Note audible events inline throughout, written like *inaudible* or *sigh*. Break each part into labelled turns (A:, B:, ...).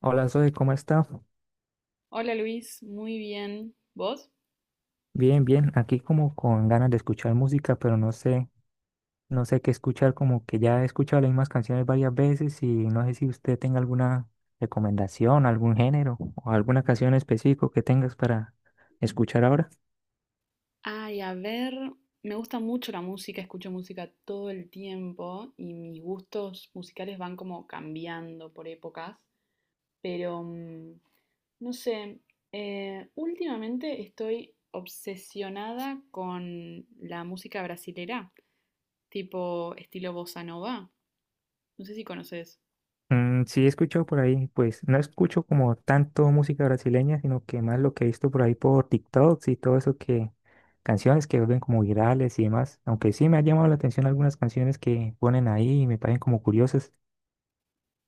A: Hola Zoe, ¿cómo está?
B: Hola Luis, muy bien. ¿Vos?
A: Bien, bien, aquí como con ganas de escuchar música, pero no sé, no sé qué escuchar, como que ya he escuchado las mismas canciones varias veces y no sé si usted tenga alguna recomendación, algún género o alguna canción específico que tengas para escuchar ahora.
B: Ay, a ver, me gusta mucho la música, escucho música todo el tiempo y mis gustos musicales van como cambiando por épocas, pero no sé, últimamente estoy obsesionada con la música brasilera, tipo estilo bossa nova. No sé si conoces.
A: Mm, sí, he escuchado por ahí, pues no escucho como tanto música brasileña, sino que más lo que he visto por ahí por TikToks y todo eso que canciones que ven como virales y demás, aunque sí me ha llamado la atención algunas canciones que ponen ahí y me parecen como curiosas.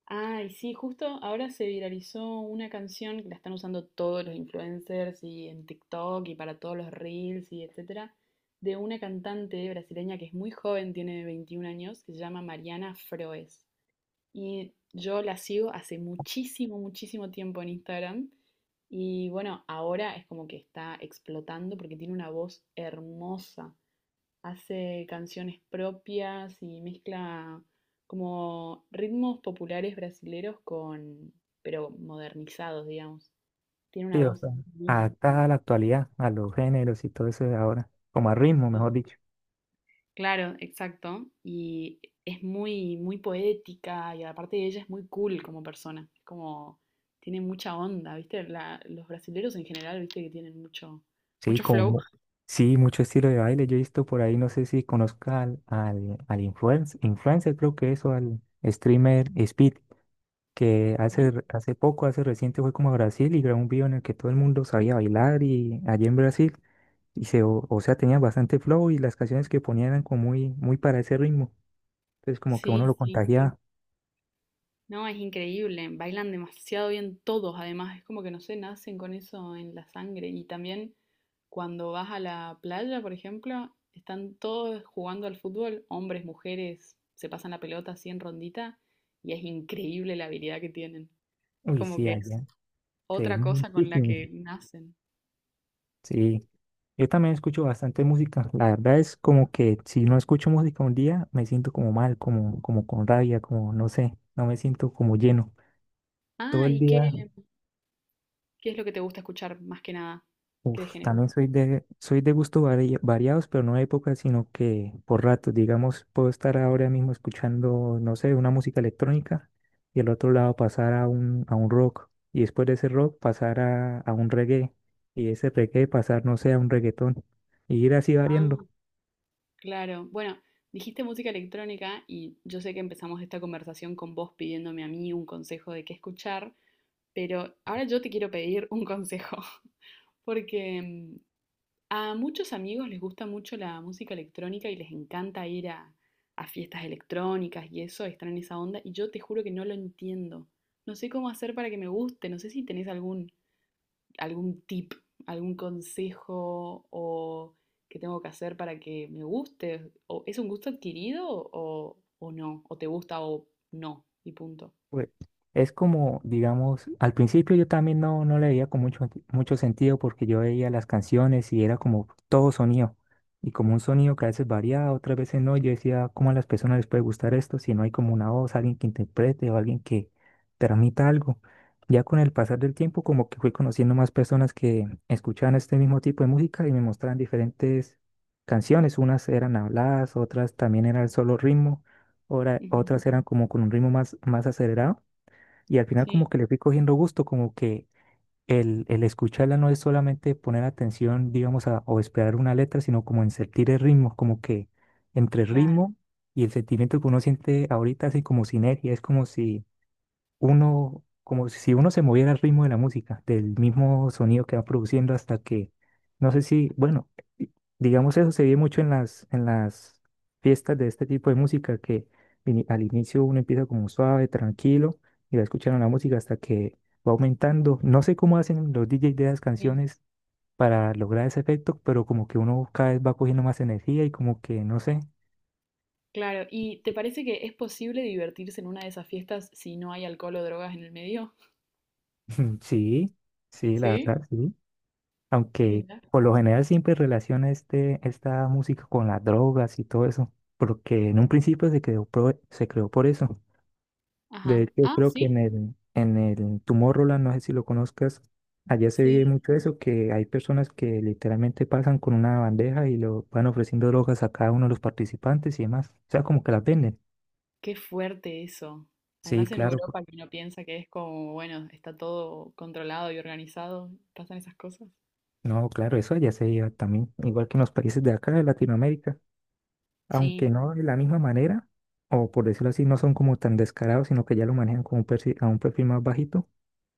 B: Ay, sí, justo ahora se viralizó una canción que la están usando todos los influencers y en TikTok y para todos los reels y etcétera, de una cantante brasileña que es muy joven, tiene 21 años, que se llama Mariana Froes. Y yo la sigo hace muchísimo, muchísimo tiempo en Instagram. Y bueno, ahora es como que está explotando porque tiene una voz hermosa, hace canciones propias y mezcla como ritmos populares brasileros con, pero modernizados, digamos. Tiene
A: Sí,
B: una
A: o
B: voz
A: sea,
B: divina.
A: adaptada a la actualidad, a los géneros y todo eso de ahora, como a ritmo,
B: Sí.
A: mejor dicho.
B: Claro, exacto. Y es muy, muy poética y aparte de ella es muy cool como persona. Es como, tiene mucha onda, ¿viste? Los brasileros en general, ¿viste? Que tienen mucho,
A: Sí,
B: mucho flow.
A: como, sí, mucho estilo de baile. Yo he visto por ahí, no sé si conozca al influencer, creo que eso, al streamer Speed, que hace,
B: Ujú.
A: hace poco, hace reciente fue como a Brasil y grabó un video en el que todo el mundo sabía bailar y allí en Brasil, y se, o sea, tenía bastante flow y las canciones que ponían eran como muy, muy para ese ritmo. Entonces, como que uno lo
B: Sí, sí.
A: contagiaba.
B: No, es increíble, bailan demasiado bien todos, además es como que no sé, nacen con eso en la sangre. Y también cuando vas a la playa, por ejemplo, están todos jugando al fútbol, hombres, mujeres, se pasan la pelota así en rondita y es increíble la habilidad que tienen. Es
A: Uy,
B: como
A: sí,
B: que es
A: allá se ve
B: otra cosa con la
A: muchísimo.
B: que nacen.
A: Sí. Yo también escucho bastante música. La verdad es como que si no escucho música un día, me siento como mal, como, como con rabia, como no sé, no me siento como lleno. Todo
B: Ah,
A: el
B: ¿y
A: día,
B: qué, qué es lo que te gusta escuchar más que nada? ¿Qué de
A: uf,
B: género?
A: también soy soy de gustos variados, pero no de épocas, sino que por ratos, digamos, puedo estar ahora mismo escuchando, no sé, una música electrónica y al otro lado pasar a a un rock y después de ese rock pasar a un reggae y ese reggae pasar, no sé, a un reggaetón y ir así variando.
B: Ah. Claro, bueno, dijiste música electrónica y yo sé que empezamos esta conversación con vos pidiéndome a mí un consejo de qué escuchar, pero ahora yo te quiero pedir un consejo, *laughs* porque a muchos amigos les gusta mucho la música electrónica y les encanta ir a fiestas electrónicas y eso, están en esa onda, y yo te juro que no lo entiendo. No sé cómo hacer para que me guste, no sé si tenés algún algún tip, algún consejo o ¿qué tengo que hacer para que me guste? ¿O es un gusto adquirido o no? ¿O te gusta o no? Y punto.
A: Pues, es como, digamos, al principio yo también no le veía con mucho, mucho sentido porque yo veía las canciones y era como todo sonido. Y como un sonido que a veces variaba, otras veces no. y Yo decía, ¿cómo a las personas les puede gustar esto si no hay como una voz, alguien que interprete o alguien que transmita algo? Ya con el pasar del tiempo, como que fui conociendo más personas que escuchaban este mismo tipo de música y me mostraban diferentes canciones. Unas eran habladas, otras también era el solo ritmo,
B: Ujú.
A: otras eran como con un ritmo más, más acelerado. Y al final como
B: Sí,
A: que le fui cogiendo gusto, como que el escucharla no es solamente poner atención, digamos, a, o esperar una letra, sino como en sentir el ritmo, como que entre el
B: claro,
A: ritmo y el sentimiento que uno siente ahorita, así como sinergia, es como si uno se moviera al ritmo de la música, del mismo sonido que va produciendo hasta que, no sé si, bueno, i- digamos eso se ve mucho en las fiestas de este tipo de música, que al inicio uno empieza como suave, tranquilo, y va escuchando la música hasta que va aumentando. No sé cómo hacen los DJs de las
B: sí,
A: canciones para lograr ese efecto, pero como que uno cada vez va cogiendo más energía y como que, no sé,
B: claro. ¿Y te parece que es posible divertirse en una de esas fiestas si no hay alcohol o drogas en el medio? *laughs*
A: *laughs* sí, sí, la
B: Sí,
A: verdad, sí. Aunque
B: mira.
A: por lo general siempre relaciona este, esta música con las drogas y todo eso, porque en un principio se creó, se creó por eso. De
B: Ajá.
A: hecho,
B: Ah,
A: creo que
B: sí,
A: en el Tomorrowland, no sé si lo conozcas, allá se ve
B: sí.
A: mucho eso, que hay personas que literalmente pasan con una bandeja y lo van ofreciendo drogas a cada uno de los participantes y demás. O sea, como que las venden.
B: Qué fuerte eso.
A: Sí,
B: Además en
A: claro.
B: Europa que uno piensa que es como, bueno, está todo controlado y organizado, pasan esas cosas.
A: No, claro, eso allá se veía también, igual que en los países de acá, de Latinoamérica, aunque
B: Sí.
A: no de la misma manera, o por decirlo así, no son como tan descarados, sino que ya lo manejan como un perfil, a un perfil más bajito,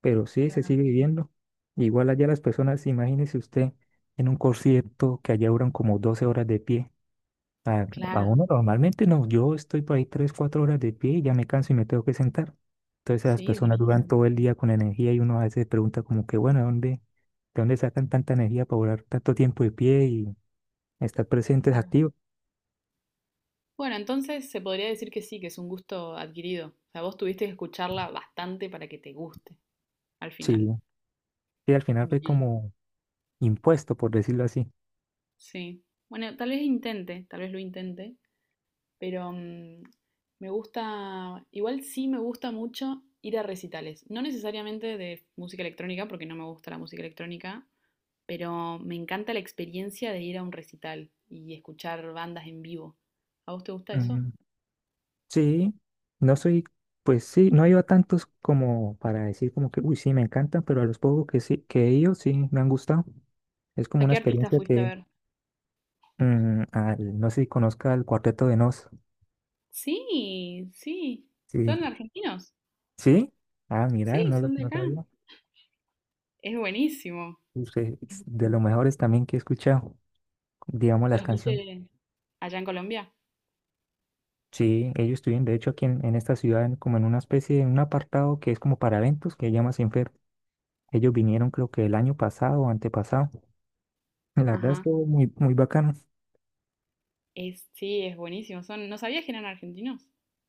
A: pero sí se
B: Claro,
A: sigue viviendo. Igual allá las personas, imagínese usted en un concierto que allá duran como 12 horas de pie. A, a
B: claro,
A: uno normalmente no, yo estoy por ahí 3 o 4 horas de pie y ya me canso y me tengo que sentar. Entonces las
B: sí,
A: personas duran
B: durísimo,
A: todo el día con energía y uno a veces se pregunta como que, bueno, ¿de de dónde sacan tanta energía para durar tanto tiempo de pie y estar presentes,
B: claro.
A: activos?
B: Bueno, entonces se podría decir que sí, que es un gusto adquirido. O sea, vos tuviste que escucharla bastante para que te guste al
A: Sí.
B: final.
A: Sí, al final fue
B: Bien,
A: como impuesto, por decirlo así.
B: sí. Bueno, tal vez intente, tal vez lo intente, pero me gusta, igual sí me gusta mucho ir a recitales. No necesariamente de música electrónica, porque no me gusta la música electrónica, pero me encanta la experiencia de ir a un recital y escuchar bandas en vivo. ¿A vos te gusta eso?
A: Mm, sí, no soy, pues sí, no he ido a tantos como para decir como que, uy, sí, me encantan, pero a los pocos que sí, que he ido, sí, me han gustado. Es
B: ¿A
A: como una
B: qué artista
A: experiencia
B: fuiste a
A: que,
B: ver?
A: mm, no sé si conozca el Cuarteto de Nos.
B: Sí, sí.
A: Sí,
B: ¿Son argentinos?
A: sí, ah, mira,
B: Sí,
A: no,
B: son de
A: no
B: acá.
A: sabía.
B: Es buenísimo.
A: Usted es de los mejores también que he escuchado, digamos, las
B: ¿Los
A: canciones.
B: viste allá en Colombia?
A: Sí, ellos estuvieron, de hecho, aquí en esta ciudad, como en una especie, en un apartado que es como para eventos, que se llama Sin. Ellos vinieron creo que el año pasado o antepasado. La verdad
B: Ajá.
A: estuvo muy, muy bacano.
B: Es, sí, es buenísimo. Son, no sabía que eran argentinos.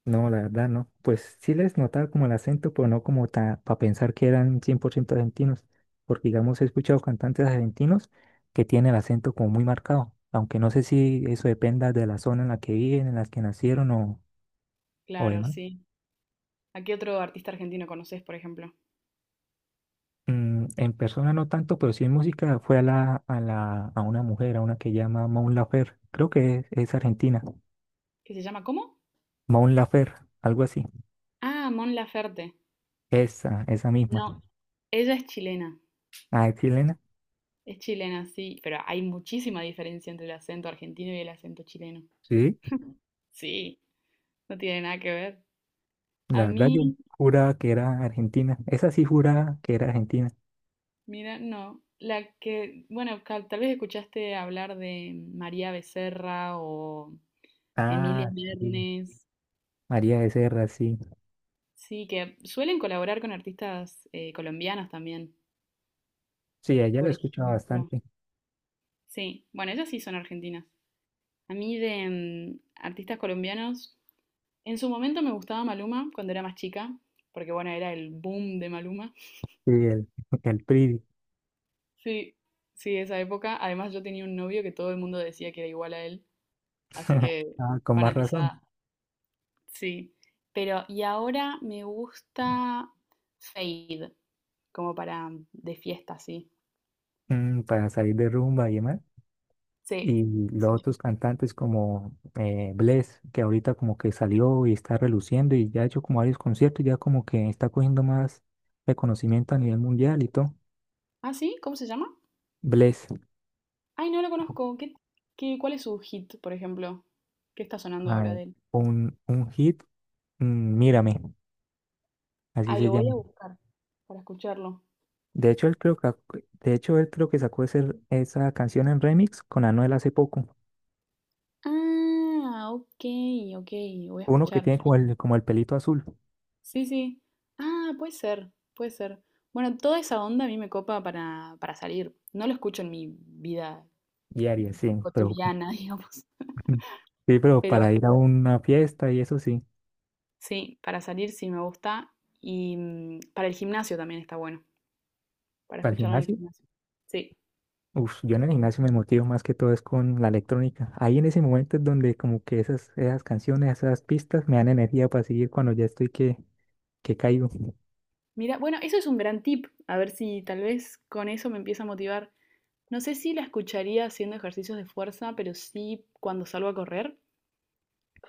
A: No, la verdad no. Pues sí les notaba como el acento, pero no como para pensar que eran 100% argentinos. Porque digamos, he escuchado cantantes argentinos que tienen el acento como muy marcado. Aunque no sé si eso dependa de la zona en la que viven, en la que nacieron o
B: Claro,
A: demás.
B: sí. ¿A qué otro artista argentino conoces, por ejemplo?
A: Mm, en persona no tanto, pero sí en música fue a la, a una mujer, a una que llama Maun Laferte. Creo que es argentina.
B: ¿Qué se llama? ¿Cómo?
A: Maun Laferte, algo así.
B: Ah, Mon Laferte.
A: Esa misma.
B: No, ella es chilena.
A: Ah, es chilena.
B: Es chilena, sí. Pero hay muchísima diferencia entre el acento argentino y el acento chileno.
A: Sí,
B: *laughs* Sí, no tiene nada que ver.
A: la
B: A
A: verdad yo
B: mí
A: juraba que era argentina. Esa sí juraba que era argentina.
B: mira, no. La que, bueno, tal vez escuchaste hablar de María Becerra o Emilia
A: Ah, sí.
B: Mernes.
A: María Becerra, sí.
B: Sí, que suelen colaborar con artistas colombianos también,
A: Sí, a ella la
B: por
A: escuchaba
B: ejemplo.
A: bastante.
B: Sí, bueno, ellas sí son argentinas. A mí de artistas colombianos, en su momento me gustaba Maluma cuando era más chica, porque bueno, era el boom de Maluma.
A: Sí, el, *laughs* el Pridi.
B: Sí, sí, esa época. Además yo tenía un novio que todo el mundo decía que era igual a él, así
A: *laughs*
B: que
A: Ah, con más razón.
B: fanatizada. Sí, pero y ahora me gusta Fade, como para de fiesta, sí.
A: Mm, para salir de rumba y demás.
B: Sí,
A: Y los
B: sí.
A: otros cantantes como Bless, que ahorita como que salió y está reluciendo y ya ha hecho como varios conciertos y ya como que está cogiendo más reconocimiento a nivel mundial y todo.
B: ¿Ah, sí? ¿Cómo se llama?
A: Bless.
B: Ay, no lo conozco. ¿Qué, cuál es su hit, por ejemplo? ¿Qué está sonando
A: A
B: ahora
A: ver,
B: de él?
A: un hit, mm,
B: Ujú.
A: Mírame, así
B: Ay,
A: se
B: lo voy
A: llama.
B: a buscar para escucharlo.
A: De hecho, él creo que, de hecho, él creo que sacó esa canción en remix con Anuel hace poco.
B: Ah, ok, ok, voy a
A: Uno que
B: escuchar.
A: tiene como el pelito azul
B: Sí, sí, sí. Ah, puede ser, puede ser. Bueno, toda esa onda a mí me copa para salir. No lo escucho en mi vida
A: y Aries, sí, pero
B: cotidiana, *laughs* digamos.
A: *laughs* sí, pero
B: Pero
A: para ir a una fiesta y eso sí,
B: sí, para salir sí me gusta. Y para el gimnasio también está bueno, para
A: para el
B: escucharlo en el
A: gimnasio.
B: gimnasio. Sí.
A: Uf, yo en el
B: Mm.
A: gimnasio me motivo más que todo es con la electrónica. Ahí en ese momento es donde como que esas, esas canciones, esas pistas me dan energía para seguir cuando ya estoy que caigo.
B: Mira, bueno, eso es un gran tip. A ver si tal vez con eso me empieza a motivar. No sé si la escucharía haciendo ejercicios de fuerza, pero sí cuando salgo a correr.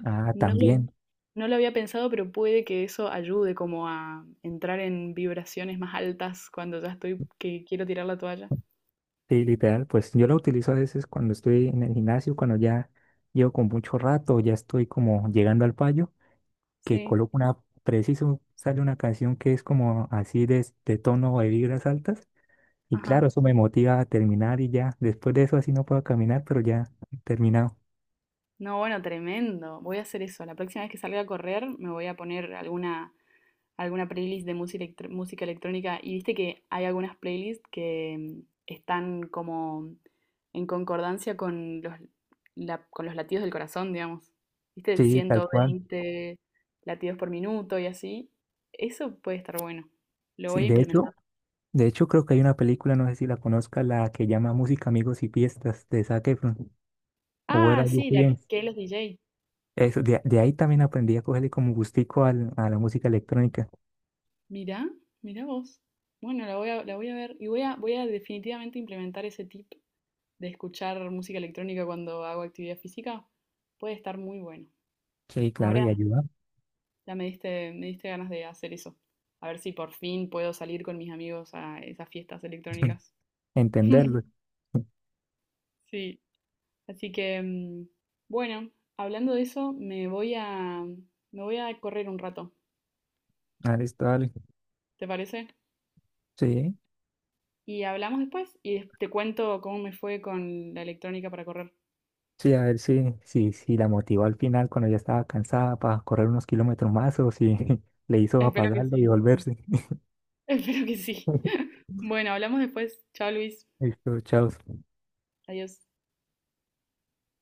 A: Ah,
B: No lo,
A: también.
B: no lo había pensado, pero puede que eso ayude como a entrar en vibraciones más altas cuando ya estoy que quiero tirar la toalla.
A: Sí, literal, pues yo la utilizo a veces cuando estoy en el gimnasio, cuando ya llevo con mucho rato, ya estoy como llegando al fallo, que
B: Sí,
A: coloco una, preciso, sale una canción que es como así de tono de vibras altas, y claro,
B: ajá.
A: eso me motiva a terminar y ya, después de eso así no puedo caminar, pero ya he terminado.
B: No, bueno, tremendo. Voy a hacer eso. La próxima vez que salga a correr me voy a poner alguna, alguna playlist de música, música electrónica. Y viste que hay algunas playlists que están como en concordancia con los, con los latidos del corazón, digamos. Viste,
A: Sí, tal cual.
B: 120 latidos por minuto y así. Eso puede estar bueno. Lo
A: Sí,
B: voy a implementar.
A: de hecho creo que hay una película, no sé si la conozca, la que llama Música, Amigos y Fiestas de Zac Efron, o Where
B: Ah,
A: Are You
B: sí, la
A: Bien.
B: que los DJ.
A: Eso, de ahí también aprendí a cogerle como gustico a la música electrónica.
B: Mirá, mirá vos. La voy a ver y voy a definitivamente implementar ese tip de escuchar música electrónica cuando hago actividad física. Puede estar muy bueno.
A: Sí, claro,
B: Ahora
A: y ayuda
B: me diste ganas de hacer eso. A ver si por fin puedo salir con mis amigos a esas fiestas electrónicas.
A: a entenderlo.
B: *laughs* Sí, así que bueno, hablando de eso, me voy a correr un rato,
A: Ah, listo, dale.
B: ¿te parece?
A: Sí,
B: Y hablamos después y te cuento cómo me fue con la electrónica para correr.
A: sí, a ver si, si, si la motivó al final cuando ya estaba cansada para correr unos kilómetros más o si *laughs* le hizo
B: Espero que
A: apagarlo y
B: sí.
A: volverse.
B: *laughs* Espero que sí.
A: *laughs*
B: *laughs* Bueno, hablamos después. Chao, Luis.
A: Listo, chao.
B: Adiós.